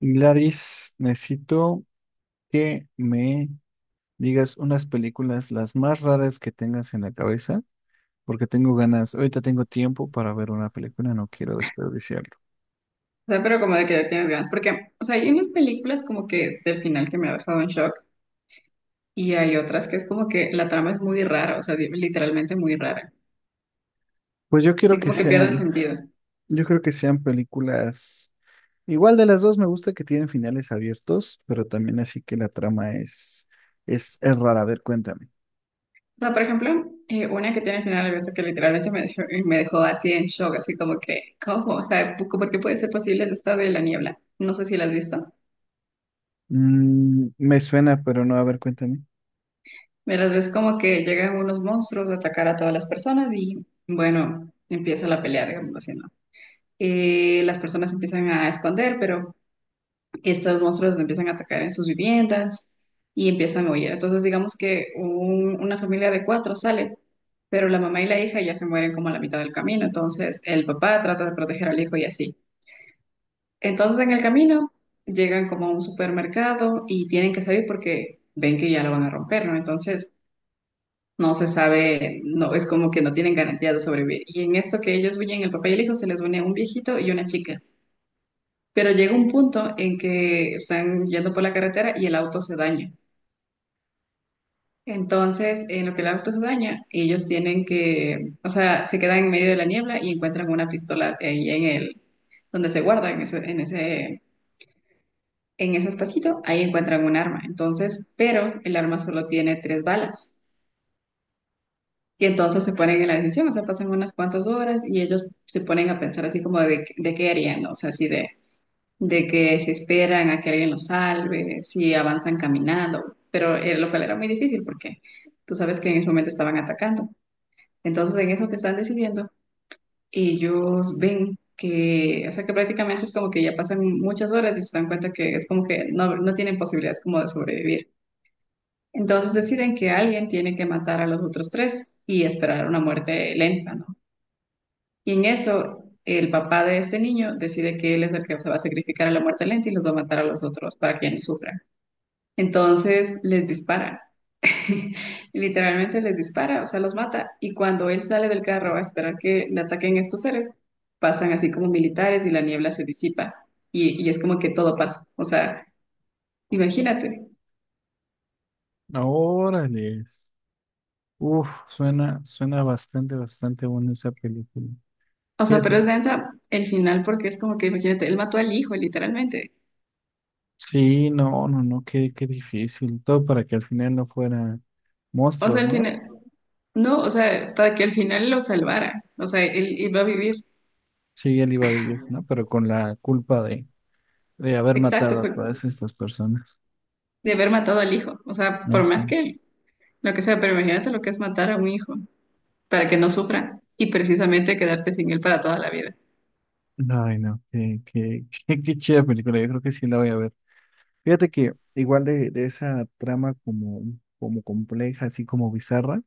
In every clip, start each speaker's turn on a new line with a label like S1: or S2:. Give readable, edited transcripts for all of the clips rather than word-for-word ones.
S1: Gladys, necesito que me digas unas películas las más raras que tengas en la cabeza, porque tengo ganas, ahorita tengo tiempo para ver una película, no quiero desperdiciarlo.
S2: O sea, pero como de que ya tienes ganas. Porque, o sea, hay unas películas como que del final que me ha dejado en shock y hay otras que es como que la trama es muy rara, o sea, literalmente muy rara.
S1: Pues yo quiero
S2: Así
S1: que
S2: como que pierde
S1: sean,
S2: sentido. O
S1: yo creo que sean películas, igual de las dos me gusta que tienen finales abiertos, pero también así que la trama es, es rara. A ver, cuéntame.
S2: sea, por ejemplo, una que tiene el final abierto que literalmente me dejó así en shock, así como que, ¿cómo? O sea, ¿por qué puede ser posible esta de la niebla? No sé si la has visto.
S1: Me suena, pero no, a ver, cuéntame.
S2: Verás, es como que llegan unos monstruos a atacar a todas las personas y, bueno, empieza la pelea, digamos así, ¿no? Las personas empiezan a esconder, pero estos monstruos lo empiezan a atacar en sus viviendas y empiezan a huir. Entonces, digamos que una familia de cuatro sale, pero la mamá y la hija ya se mueren como a la mitad del camino. Entonces, el papá trata de proteger al hijo y así. Entonces, en el camino llegan como a un supermercado y tienen que salir porque ven que ya lo van a romper, ¿no? Entonces, no se sabe, no, es como que no tienen garantía de sobrevivir. Y en esto que ellos huyen, el papá y el hijo se les une un viejito y una chica. Pero llega un punto en que están yendo por la carretera y el auto se daña. Entonces, en lo que el auto se daña, ellos tienen que, o sea, se quedan en medio de la niebla y encuentran una pistola ahí en el, donde se guarda, en ese espacito, ahí encuentran un arma. Entonces, pero el arma solo tiene tres balas. Y entonces se ponen en la decisión, o sea, pasan unas cuantas horas y ellos se ponen a pensar así como de qué harían, ¿no? O sea, así de que si esperan a que alguien los salve, si avanzan caminando, pero lo cual era muy difícil porque tú sabes que en ese momento estaban atacando. Entonces, en eso que están decidiendo, ellos ven que, o sea, que prácticamente es como que ya pasan muchas horas y se dan cuenta que es como que no, no tienen posibilidades como de sobrevivir. Entonces deciden que alguien tiene que matar a los otros tres y esperar una muerte lenta, ¿no? Y en eso, el papá de este niño decide que él es el que se va a sacrificar a la muerte lenta y los va a matar a los otros para que ya no sufran. Entonces les dispara, literalmente les dispara, o sea, los mata. Y cuando él sale del carro a esperar que le ataquen estos seres, pasan así como militares y la niebla se disipa. Y es como que todo pasa. O sea, imagínate.
S1: Órale. Uf, suena bastante, bastante buena esa película.
S2: O sea, pero
S1: Fíjate.
S2: es densa el final porque es como que, imagínate, él mató al hijo, literalmente.
S1: Sí, no, no, no, qué difícil. Todo para que al final no fuera
S2: O sea,
S1: monstruos,
S2: al
S1: ¿no?
S2: final, no, o sea, para que al final lo salvara. O sea, él iba a vivir.
S1: Sí, él iba a vivir, ¿no? Pero con la culpa de haber
S2: Exacto,
S1: matado a
S2: fue
S1: todas estas personas.
S2: de haber matado al hijo. O sea,
S1: No
S2: por
S1: sé.
S2: más que él, lo que sea, pero imagínate lo que es matar a un hijo para que no sufra y precisamente quedarte sin él para toda la vida.
S1: Ay, no, qué chida película. Yo creo que sí la voy a ver. Fíjate que igual de esa trama como compleja, así como bizarra,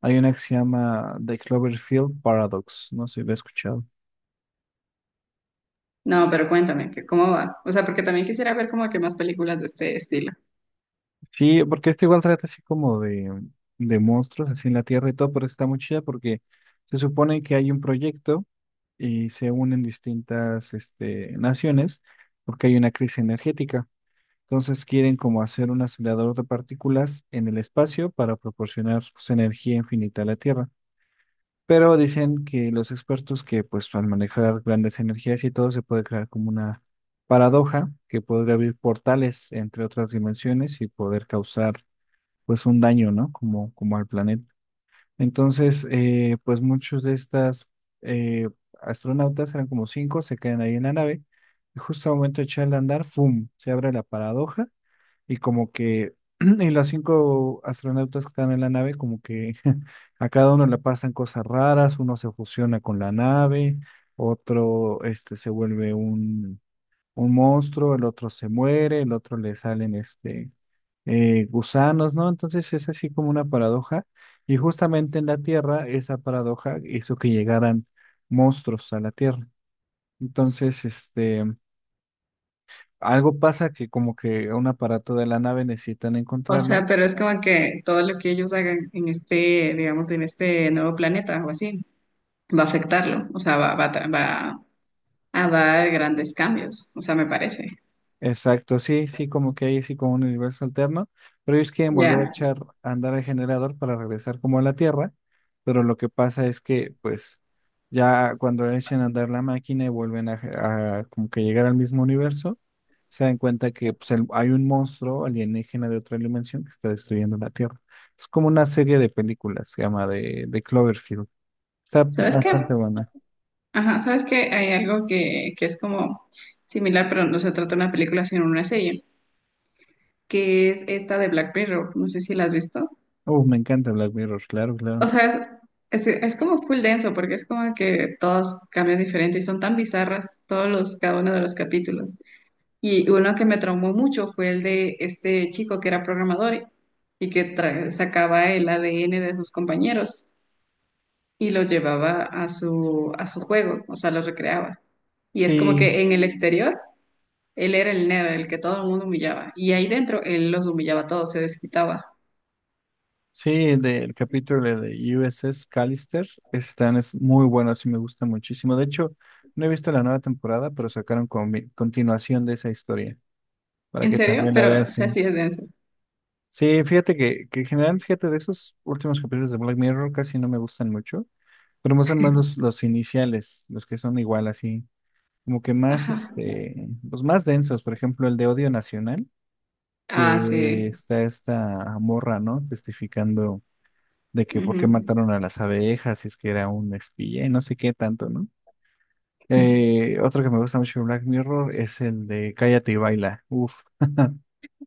S1: hay una que se llama The Cloverfield Paradox. No sé si la he escuchado.
S2: No, pero cuéntame, que cómo va? O sea, porque también quisiera ver como que más películas de este estilo.
S1: Sí, porque este igual trata así como de monstruos así en la Tierra y todo, pero está muy chida porque se supone que hay un proyecto y se unen distintas naciones porque hay una crisis energética. Entonces quieren como hacer un acelerador de partículas en el espacio para proporcionar pues, energía infinita a la Tierra. Pero dicen que los expertos que pues al manejar grandes energías y todo se puede crear como una paradoja que podría abrir portales entre otras dimensiones y poder causar pues un daño, ¿no? Como al planeta. Entonces, pues muchos de estas eh, astronautas, eran como cinco, se quedan ahí en la nave y justo al momento de echar a andar, ¡fum! Se abre la paradoja y como que, y los cinco astronautas que están en la nave, como que a cada uno le pasan cosas raras, uno se fusiona con la nave, otro se vuelve un monstruo, el otro se muere, el otro le salen gusanos, ¿no? Entonces es así como una paradoja. Y justamente en la Tierra, esa paradoja hizo que llegaran monstruos a la Tierra. Entonces, algo pasa que como que un aparato de la nave necesitan
S2: O
S1: encontrarla.
S2: sea, pero es como que todo lo que ellos hagan en este, digamos, en este nuevo planeta o así, va a afectarlo. O sea, va a dar grandes cambios. O sea, me parece.
S1: Exacto, sí, sí, como que ahí sí como un universo alterno, pero ellos quieren volver a
S2: Ya.
S1: echar a andar el generador para regresar como a la Tierra, pero lo que pasa es que pues ya cuando echan a andar la máquina y vuelven a como que llegar al mismo universo, se dan cuenta que pues, hay un monstruo alienígena de otra dimensión que está destruyendo la Tierra. Es como una serie de películas, se llama de Cloverfield. Está
S2: ¿Sabes qué?
S1: bastante buena.
S2: Ajá, ¿sabes qué? Hay algo que es como similar, pero no se trata de una película, sino una serie, que es esta de Black Mirror. No sé si la has visto.
S1: Me encanta Black Mirror, claro,
S2: O
S1: claro.
S2: sea, es como full denso porque es como que todos cambian diferente y son tan bizarras todos los, cada uno de los capítulos. Y uno que me traumó mucho fue el de este chico que era programador y que sacaba el ADN de sus compañeros y lo llevaba a su juego, o sea, lo recreaba. Y es como
S1: Sí,
S2: que en el exterior él era el nerd, el que todo el mundo humillaba. Y ahí dentro él los humillaba a todos, se desquitaba.
S1: sí, del capítulo de USS Callister, ese también es muy bueno, sí me gusta muchísimo. De hecho, no he visto la nueva temporada, pero sacaron continuación de esa historia, para
S2: ¿En
S1: que
S2: serio?
S1: también la
S2: Pero,
S1: veas.
S2: o sea,
S1: Sí,
S2: sí es denso.
S1: sí, fíjate que en general, fíjate, de esos últimos capítulos de Black Mirror casi no me gustan mucho, pero me gustan más los iniciales, los que son igual así, como que más,
S2: Ajá.
S1: los más densos, por ejemplo, el de Odio Nacional,
S2: Ah,
S1: que
S2: sí.
S1: está esta morra, ¿no? Testificando de que por qué
S2: Ujú.
S1: mataron a las abejas, si es que era un espía y no sé qué tanto, ¿no? Otro que me gusta mucho de Black Mirror es el de Cállate y baila. Uf.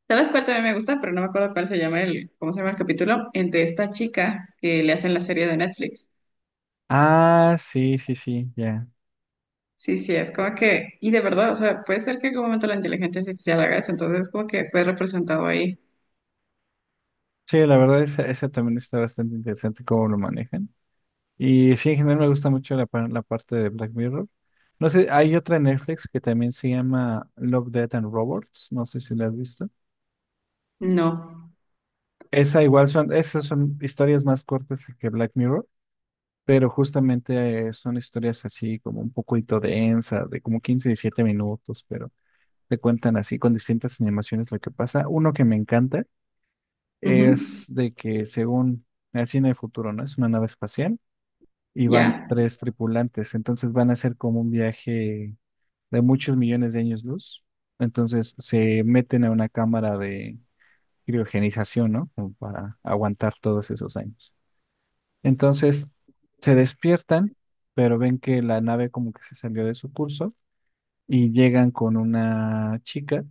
S2: ¿Sabes cuál también me gusta? Pero no me acuerdo cuál se llama el, ¿cómo se llama el capítulo? El de esta chica que le hacen la serie de Netflix.
S1: Ah, sí, sí, sí, ya.
S2: Sí, sí, es como que, y de verdad, o sea, puede ser que en algún momento la inteligencia artificial haga eso, entonces como que fue representado ahí.
S1: Sí, la verdad, esa también está bastante interesante cómo lo manejan. Y sí, en general me gusta mucho la parte de Black Mirror. No sé, hay otra en Netflix que también se llama Love, Death and Robots. No sé si la has visto.
S2: No.
S1: Esas son historias más cortas que Black Mirror. Pero justamente son historias así como un poquito densas, de como 15, 17 minutos, pero te cuentan así con distintas animaciones lo que pasa. Uno que me encanta
S2: Ujú.
S1: es de que según así en el futuro, ¿no? Es una nave espacial y van
S2: Ya,
S1: tres tripulantes, entonces van a hacer como un viaje de muchos millones de años luz. Entonces se meten a una cámara de criogenización, ¿no? Como para aguantar todos esos años. Entonces se despiertan, pero ven que la nave como que se salió de su curso y llegan con una chica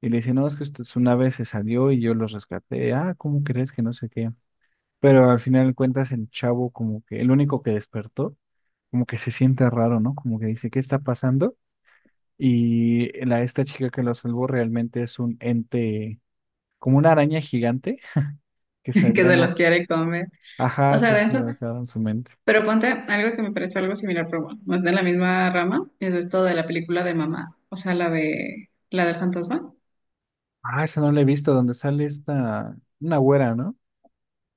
S1: y le dicen, no, es que su nave se salió y yo los rescaté. Ah, ¿cómo crees que no sé qué? Pero al final de cuentas el chavo como que, el único que despertó, como que se siente raro, ¿no? Como que dice, ¿qué está pasando? Esta chica que lo salvó realmente es un ente, como una araña gigante que se
S2: que
S1: había
S2: se
S1: lo,
S2: los quiere comer. O
S1: ajá,
S2: sea,
S1: que se
S2: denso.
S1: había quedado en su mente.
S2: Pero ponte algo que me parece algo similar, pero bueno, no de la misma rama, es esto de la película de mamá, o sea, la del fantasma.
S1: Ah, esa no la he visto, donde sale una güera, ¿no?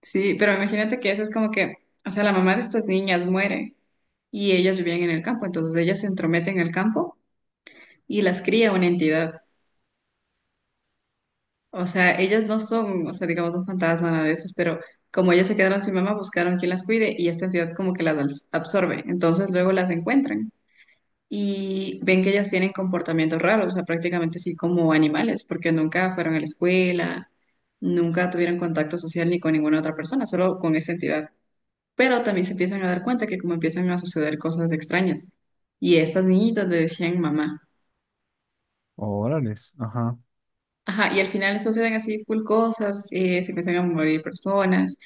S2: Sí, pero imagínate que esa es como que, o sea, la mamá de estas niñas muere. Y ellas vivían en el campo, entonces ellas se entrometen en el campo y las cría una entidad. O sea, ellas no son, o sea, digamos, un fantasma, nada de esos, pero como ellas se quedaron sin mamá, buscaron quien las cuide y esta entidad como que las absorbe. Entonces luego las encuentran y ven que ellas tienen comportamientos raros, o sea, prácticamente sí como animales, porque nunca fueron a la escuela, nunca tuvieron contacto social ni con ninguna otra persona, solo con esa entidad. Pero también se empiezan a dar cuenta que como empiezan a suceder cosas extrañas. Y estas niñitas le decían mamá.
S1: Órales, ajá.
S2: Ajá, y al final suceden así full cosas, se empiezan a morir personas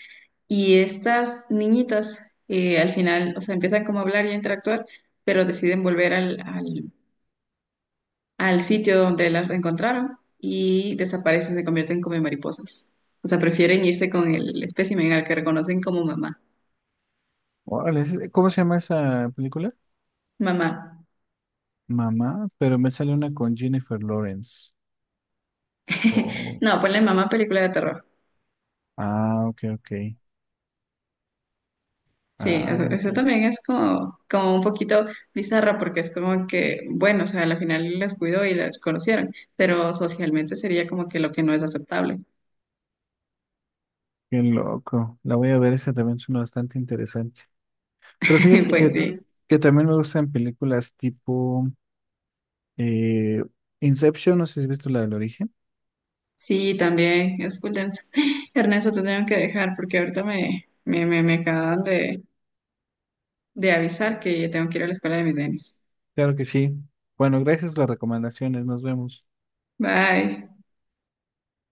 S2: y estas niñitas al final, o sea, empiezan como a hablar y a interactuar, pero deciden volver al sitio donde las encontraron y desaparecen, se convierten como en mariposas. O sea, prefieren irse con el espécimen al que reconocen como mamá.
S1: Órales, ¿cómo se llama esa película?
S2: Mamá.
S1: Mamá, pero me sale una con Jennifer Lawrence. Oh,
S2: No, ponle mamá película de terror.
S1: ah, ok, ok.
S2: Sí, eso,
S1: Ah,
S2: eso
S1: ok.
S2: también es como, como un poquito bizarra porque es como que, bueno, o sea, a la final las cuidó y las conocieron, pero socialmente sería como que lo que no es aceptable.
S1: Qué loco. La voy a ver, esa también suena bastante interesante. Pero fíjate
S2: Pues
S1: que,
S2: sí,
S1: que también me gustan películas tipo eh, Inception, no sé si has visto la del origen.
S2: sí, también es full denso. Ernesto, te tengo que dejar porque ahorita me acaban de avisar que tengo que ir a la escuela de mis nenes.
S1: Claro que sí. Bueno, gracias por las recomendaciones, nos vemos.
S2: Bye.